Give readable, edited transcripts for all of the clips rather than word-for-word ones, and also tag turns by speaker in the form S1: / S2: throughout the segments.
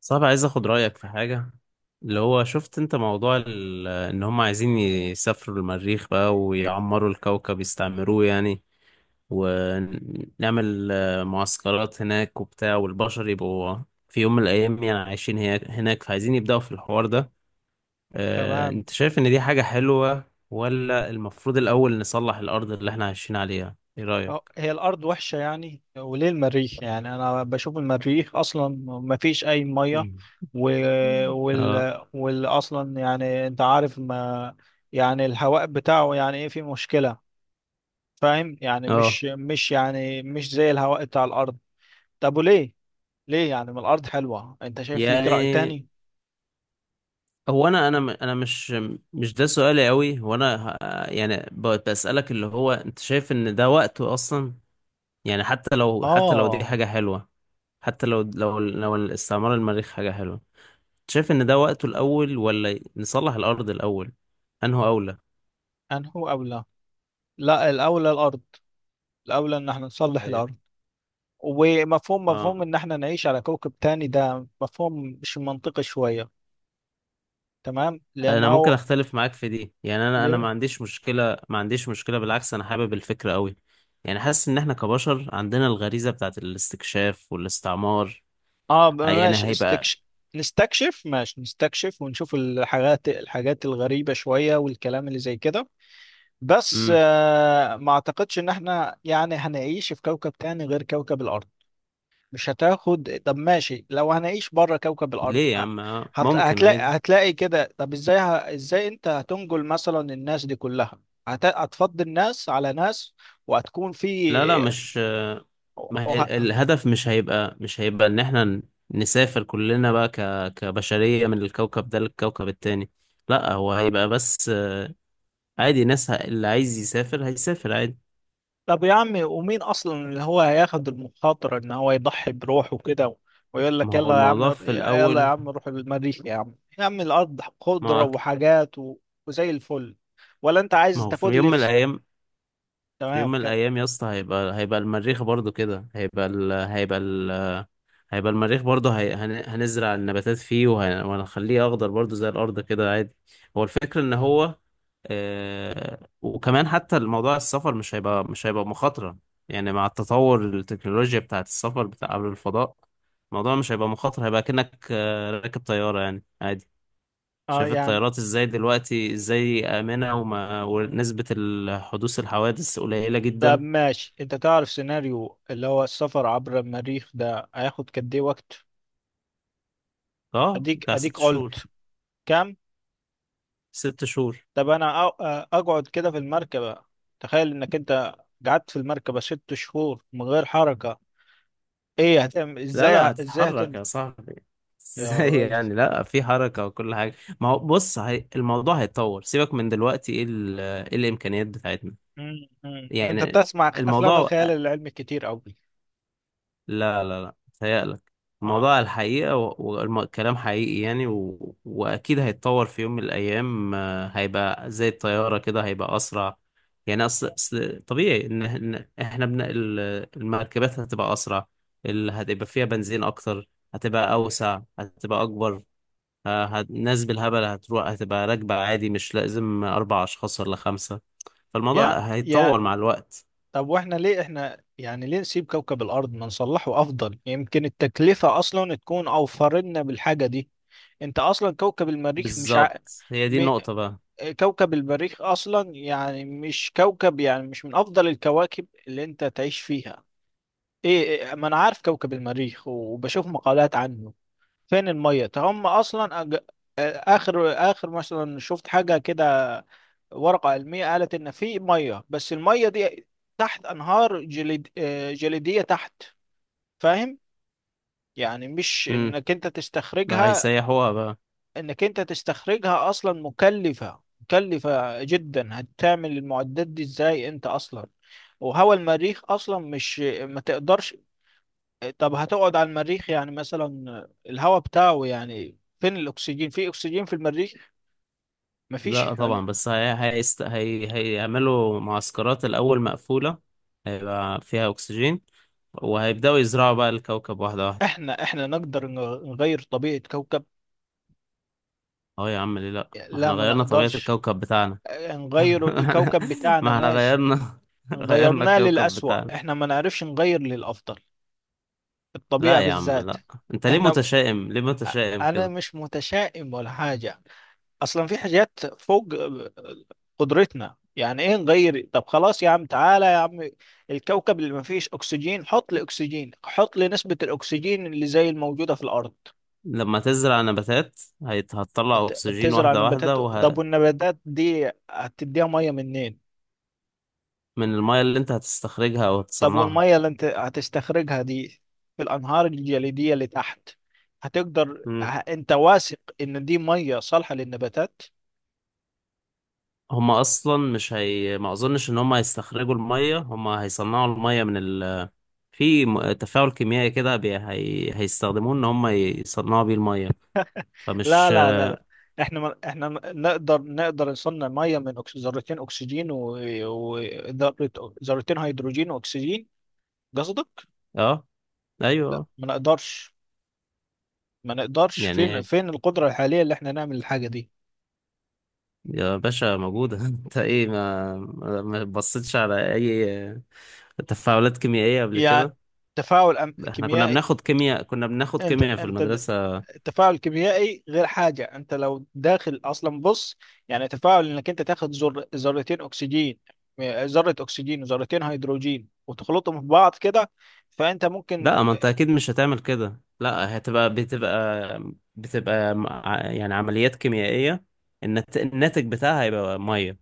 S1: صعب، عايز اخد رأيك في حاجة. اللي هو شفت انت موضوع ان هم عايزين يسافروا المريخ بقى، ويعمروا الكوكب يستعمروه يعني. ونعمل معسكرات هناك وبتاع، والبشر يبقوا في يوم من الايام يعني عايشين هناك. فعايزين يبدأوا في الحوار ده.
S2: تمام.
S1: انت شايف ان دي حاجة حلوة، ولا المفروض الاول نصلح الارض اللي احنا عايشين عليها؟ ايه رأيك؟
S2: هي الأرض وحشة يعني وليه المريخ؟ يعني أنا بشوف المريخ أصلا ما فيش أي مية و...
S1: اه،
S2: وال... وال أصلا يعني أنت عارف. ما يعني الهواء بتاعه يعني إيه؟ فيه مشكلة فاهم؟ يعني
S1: اه.
S2: مش مش يعني مش زي الهواء بتاع الأرض. طب وليه؟ يعني ما الأرض حلوة. أنت شايف ليك رأي
S1: يعني،
S2: تاني؟
S1: هو انا انا مش ده سؤالي قوي. هو انا يعني بسألك اللي هو انت شايف ان ده وقته اصلا؟ يعني حتى لو دي
S2: آه.
S1: حاجة حلوة، حتى لو الاستعمار المريخ حاجة حلوة، انت شايف ان ده وقته الاول، ولا نصلح الارض الاول، انه اولى؟
S2: أنهو أولى؟ لا، الأولى الأرض، الأولى إن احنا نصلح
S1: ايوه.
S2: الأرض. ومفهوم مفهوم
S1: اه،
S2: ان احنا نعيش على كوكب تاني، ده مفهوم مش منطقي شوية. تمام،
S1: انا
S2: لانه
S1: ممكن اختلف معاك في دي. يعني انا
S2: ل...
S1: ما عنديش مشكله، ما عنديش مشكله، بالعكس انا حابب الفكره قوي. يعني حاسس ان احنا كبشر عندنا الغريزه بتاعت الاستكشاف والاستعمار،
S2: اه،
S1: يعني
S2: ماشي
S1: هيبقى.
S2: استكشف، نستكشف، ماشي نستكشف ونشوف الحاجات الغريبة شوية والكلام اللي زي كده. بس
S1: مم.
S2: ما اعتقدش ان احنا يعني هنعيش في كوكب تاني غير كوكب الارض. مش هتاخد، طب ماشي لو هنعيش بره كوكب الارض
S1: ليه يا عم؟ ممكن
S2: هتلاقي
S1: عادي.
S2: هتلاقي كده. طب ازاي، ازاي انت هتنقل مثلا الناس دي كلها؟ هتفضي الناس على ناس وهتكون
S1: لا، لا،
S2: في
S1: مش. ما
S2: وه...
S1: هي الهدف مش هيبقى ان احنا نسافر كلنا بقى كبشرية من الكوكب ده للكوكب التاني. لا، هو هيبقى، بس عادي. ناس اللي عايز يسافر هيسافر عادي.
S2: طب يا عمي، ومين اصلا اللي هو هياخد المخاطره ان هو يضحي بروحه كده ويقول
S1: ما
S2: لك
S1: هو
S2: يلا يا عم
S1: الموضوع في
S2: يلا يا
S1: الاول،
S2: عم روح المريخ، يا عم يا عم الارض
S1: ما
S2: خضره
S1: هو-
S2: وحاجات وزي الفل؟ ولا انت عايز
S1: ما هو في
S2: تاخد
S1: يوم
S2: لي
S1: من الايام. في يوم
S2: تمام،
S1: من
S2: كمل.
S1: الايام يا اسطى، هيبقى المريخ برضو كده، هيبقى المريخ برضه هنزرع النباتات فيه، وهنخليه أخضر برضه زي الأرض كده عادي. هو الفكرة إن هو. وكمان حتى الموضوع السفر مش هيبقى مخاطرة. يعني مع التطور التكنولوجيا بتاعة السفر بتاع قبل الفضاء، الموضوع مش هيبقى مخاطرة، هيبقى كأنك راكب طيارة، يعني عادي.
S2: اه،
S1: شايف
S2: يعني
S1: الطيارات ازاي دلوقتي، ازاي آمنة، ونسبة حدوث الحوادث قليلة
S2: طب
S1: جدا.
S2: ماشي، انت تعرف سيناريو اللي هو السفر عبر المريخ ده هياخد قد ايه وقت؟
S1: اه،
S2: اديك،
S1: بتاع ست شهور
S2: قلت كام؟
S1: 6 شهور.
S2: طب انا اقعد كده في المركبة. تخيل انك انت قعدت في المركبة ست شهور من غير حركة، ايه هتعمل؟
S1: لا،
S2: ازاي
S1: لا،
S2: ازاي
S1: هتتحرك يا
S2: هتنجو
S1: صاحبي.
S2: يا
S1: ازاي
S2: راجل؟
S1: يعني؟ لا، في حركة وكل حاجة. ما هو بص، الموضوع هيتطور. سيبك من دلوقتي، ايه إيه الامكانيات بتاعتنا؟
S2: انت
S1: يعني
S2: بتسمع افلام
S1: الموضوع،
S2: الخيال العلمي كتير قوي.
S1: لا، لا، لا، تهيألك.
S2: اه.
S1: الموضوع الحقيقة، والكلام حقيقي يعني، وأكيد هيتطور في يوم من الأيام. هيبقى زي الطيارة كده، هيبقى أسرع. يعني أصل طبيعي إن إحنا المركبات هتبقى أسرع، اللي هتبقى فيها بنزين أكتر، هتبقى أوسع، هتبقى أكبر. الناس بالهبل هتروح، هتبقى راكبة عادي، مش لازم 4 أشخاص ولا خمسة.
S2: يا
S1: فالموضوع
S2: يا
S1: هيتطور مع الوقت.
S2: طب واحنا ليه؟ احنا يعني ليه نسيب كوكب الارض ما نصلحه؟ افضل، يمكن التكلفة اصلا تكون اوفر لنا بالحاجة دي. انت اصلا كوكب المريخ مش ع...
S1: بالظبط، هي دي
S2: م...
S1: النقطة بقى.
S2: كوكب المريخ اصلا يعني مش كوكب، يعني مش من افضل الكواكب اللي انت تعيش فيها. ايه، ما انا عارف كوكب المريخ وبشوف مقالات عنه. فين المية؟ ده هم اصلا أج... آه، اخر مثلا شفت حاجة كده، ورقة علمية قالت ان في مية، بس المية دي تحت انهار جليدية تحت، فاهم؟ يعني مش انك انت
S1: ما
S2: تستخرجها.
S1: هيسيحوها بقى.
S2: انك انت تستخرجها اصلا مكلفة، مكلفة جدا. هتعمل المعدات دي ازاي انت اصلا؟ وهو المريخ اصلا مش، ما تقدرش. طب هتقعد على المريخ يعني مثلا الهواء بتاعه، يعني فين الاكسجين؟ في اكسجين في المريخ؟ مفيش
S1: لا طبعا،
S2: يعني.
S1: بس هيعملوا معسكرات الأول مقفولة، هيبقى فيها أكسجين، وهيبدأوا يزرعوا بقى الكوكب واحدة واحدة.
S2: احنا نقدر نغير طبيعة كوكب؟
S1: اه يا عم، ليه لأ؟ ما
S2: لا
S1: احنا
S2: ما
S1: غيرنا طبيعة
S2: نقدرش
S1: الكوكب بتاعنا.
S2: نغير
S1: ما احنا
S2: الكوكب بتاعنا،
S1: ما احنا
S2: ماشي
S1: غيرنا. غيرنا
S2: غيرناه
S1: الكوكب
S2: للأسوأ،
S1: بتاعنا.
S2: احنا ما نعرفش نغير للأفضل،
S1: لا
S2: الطبيعة
S1: يا عم،
S2: بالذات.
S1: لا. انت ليه
S2: احنا،
S1: متشائم؟ ليه متشائم
S2: انا
S1: كده؟
S2: مش متشائم ولا حاجه، اصلا في حاجات فوق قدرتنا. يعني ايه نغير؟ طب خلاص يا عم، تعالى يا عم الكوكب اللي ما فيش اكسجين، حط لي اكسجين، حط لي نسبه الاكسجين اللي زي الموجوده في الارض.
S1: لما تزرع نباتات هتطلع أكسجين،
S2: تزرع
S1: واحدة واحدة،
S2: نباتات؟ طب والنباتات دي هتديها ميه منين؟
S1: من المية اللي انت هتستخرجها أو
S2: طب
S1: هتصنعها.
S2: والميه اللي انت هتستخرجها دي في الانهار الجليديه اللي تحت، هتقدر؟ انت واثق ان دي ميه صالحه للنباتات؟
S1: هما اصلا مش هي ما اظنش ان هما هيستخرجوا الميه، هما هيصنعوا الميه في تفاعل كيميائي كده، هيستخدموه ان هما يصنعوا بيه الميه،
S2: لا
S1: فمش.
S2: لا لا لا، احنا ما احنا نقدر، نصنع ميه من ذرتين اكسجين وذرتين هيدروجين واكسجين، قصدك؟
S1: اه، ايوه،
S2: لا
S1: آه.
S2: ما نقدرش، ما نقدرش.
S1: يعني
S2: فين
S1: إيه؟
S2: القدره الحاليه اللي احنا نعمل الحاجه دي؟
S1: يا باشا موجوده. انت ايه، ما بصيتش على اي تفاعلات كيميائيه قبل
S2: يعني
S1: كده؟
S2: تفاعل
S1: احنا كنا
S2: كيميائي؟
S1: بناخد كيمياء، كنا بناخد
S2: انت
S1: كيمياء في المدرسه.
S2: التفاعل كيميائي غير حاجه. انت لو داخل اصلا، بص، يعني تفاعل انك انت تاخد ذرتين اكسجين، ذره اكسجين وذرتين هيدروجين وتخلطهم في بعض كده، فانت ممكن.
S1: لا، ما انت اكيد مش هتعمل كده، لا هتبقى، بتبقى يعني عمليات كيميائية، الناتج بتاعها هيبقى مية.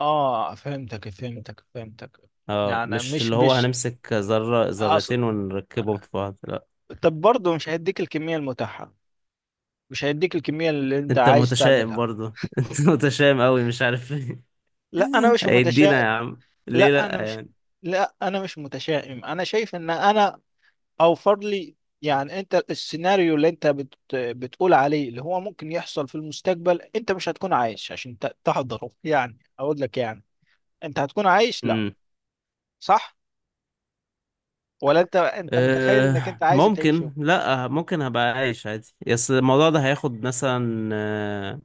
S2: اه فهمتك فهمتك فهمتك.
S1: اه،
S2: يعني
S1: مش
S2: مش،
S1: اللي هو
S2: مش
S1: هنمسك ذرة
S2: اصل،
S1: ذرتين ونركبهم في بعض، لا.
S2: طب برضه مش هيديك الكميه المتاحه، مش هيديك الكميه اللي انت
S1: انت
S2: عايز
S1: متشائم
S2: تعملها.
S1: برضه. انت متشائم قوي، مش عارف ايه.
S2: لا انا مش
S1: هيدينا يا
S2: متشائم،
S1: عم، ليه
S2: لا انا
S1: لا
S2: مش،
S1: يعني؟
S2: لا انا مش متشائم، انا شايف ان انا اوفر لي. يعني انت السيناريو اللي انت بتقول عليه اللي هو ممكن يحصل في المستقبل، انت مش هتكون عايش عشان تحضره، يعني اقول لك يعني انت هتكون عايش لا؟
S1: امم.
S2: صح؟ ولا انت متخيل انك انت
S1: أه،
S2: عايز تعيشه؟
S1: ممكن، لا، ممكن هبقى عايش عادي، بس الموضوع ده هياخد مثلا،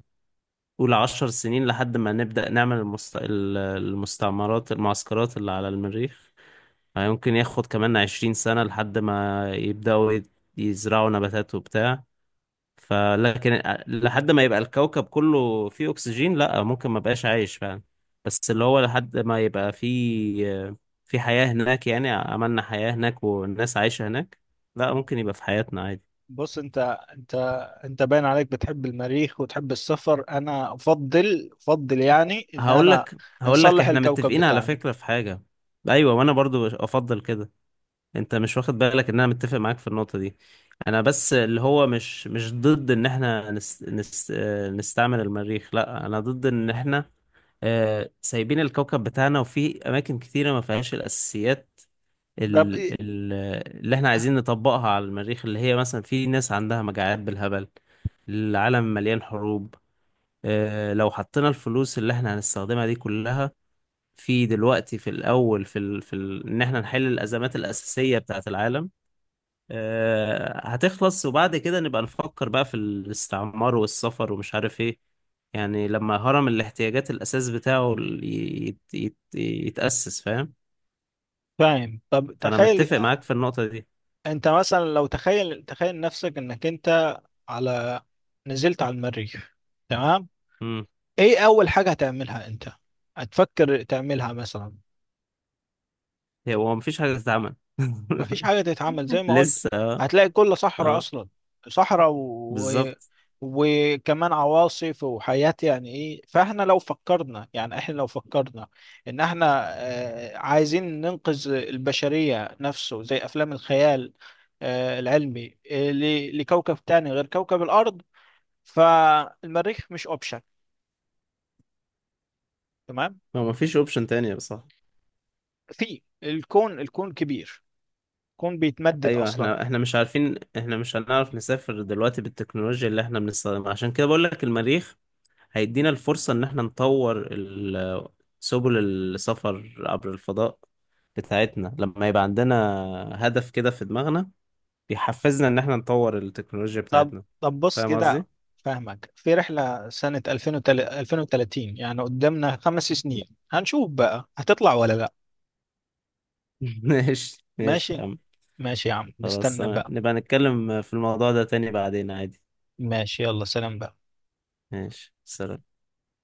S1: قول 10 سنين لحد ما نبدأ نعمل المستعمرات المعسكرات اللي على المريخ. يمكن ياخد كمان 20 سنة لحد ما يبدأوا يزرعوا نباتات وبتاع. فلكن لحد ما يبقى الكوكب كله فيه أكسجين، لأ ممكن ما بقاش عايش فعلا. بس اللي هو لحد ما يبقى فيه في حياة هناك، يعني عملنا حياة هناك والناس عايشة هناك، لأ ممكن يبقى في حياتنا عادي.
S2: بص انت، انت باين عليك بتحب المريخ وتحب السفر. انا افضل، يعني ان
S1: هقول
S2: انا
S1: لك،
S2: نصلح
S1: احنا
S2: الكوكب
S1: متفقين على
S2: بتاعنا.
S1: فكرة في حاجة. ايوه، وانا برضو افضل كده. انت مش واخد بالك ان انا متفق معاك في النقطة دي. انا بس اللي هو مش ضد ان احنا نس نس آه، نستعمل المريخ. لا انا ضد ان احنا سايبين الكوكب بتاعنا، وفي اماكن كتيرة ما فيهاش الاساسيات
S2: ده
S1: ال
S2: بإيه؟
S1: ال اللي احنا عايزين نطبقها على المريخ. اللي هي مثلا في ناس عندها مجاعات بالهبل، العالم مليان حروب. لو حطينا الفلوس اللي احنا هنستخدمها دي كلها في دلوقتي، في الاول، في ال في ال ان احنا نحل الازمات الاساسية بتاعت العالم، هتخلص، وبعد كده نبقى نفكر بقى في الاستعمار والسفر ومش عارف ايه. يعني لما هرم الاحتياجات الأساس بتاعه ال- يت يت يتأسس، فاهم؟
S2: فاهم؟ طب
S1: فأنا
S2: تخيل
S1: متفق معاك في النقطة دي.
S2: انت مثلا، لو تخيل تخيل نفسك انك انت على نزلت على المريخ، تمام،
S1: امم.
S2: ايه اول حاجة هتعملها انت؟ هتفكر تعملها مثلا؟
S1: هو مفيش حاجة تتعمل.
S2: مفيش حاجة تتعمل، زي ما قلت
S1: لسه. اه.
S2: هتلاقي كل صحراء
S1: اه،
S2: أصلا، صحراء
S1: بالظبط.
S2: وكمان عواصف وحياة، يعني إيه؟ فإحنا لو فكرنا، يعني إحنا لو فكرنا إن إحنا عايزين ننقذ البشرية نفسه زي أفلام الخيال العلمي، لكوكب تاني غير كوكب الأرض، فالمريخ مش أوبشن، تمام؟
S1: هو مفيش اوبشن تانية، صح؟
S2: في الكون كبير، الكون بيتمدد
S1: ايوه.
S2: أصلا.
S1: احنا مش عارفين، احنا مش هنعرف نسافر دلوقتي بالتكنولوجيا اللي احنا بنستخدمها، عشان كده بقول لك المريخ هيدينا الفرصة إن إحنا نطور سبل السفر عبر الفضاء بتاعتنا، لما يبقى عندنا هدف كده في دماغنا، بيحفزنا إن إحنا نطور التكنولوجيا
S2: طب،
S1: بتاعتنا.
S2: بص
S1: فاهم
S2: كده،
S1: قصدي؟
S2: فاهمك. في رحلة سنة 2030، يعني قدامنا خمس سنين، هنشوف بقى هتطلع ولا لا.
S1: ماشي، ماشي يا
S2: ماشي،
S1: عم.
S2: ماشي يا عم،
S1: خلاص،
S2: نستنى
S1: تمام.
S2: بقى.
S1: نبقى نتكلم في الموضوع ده تاني بعدين عادي.
S2: ماشي، يلا سلام بقى.
S1: ماشي، سلام.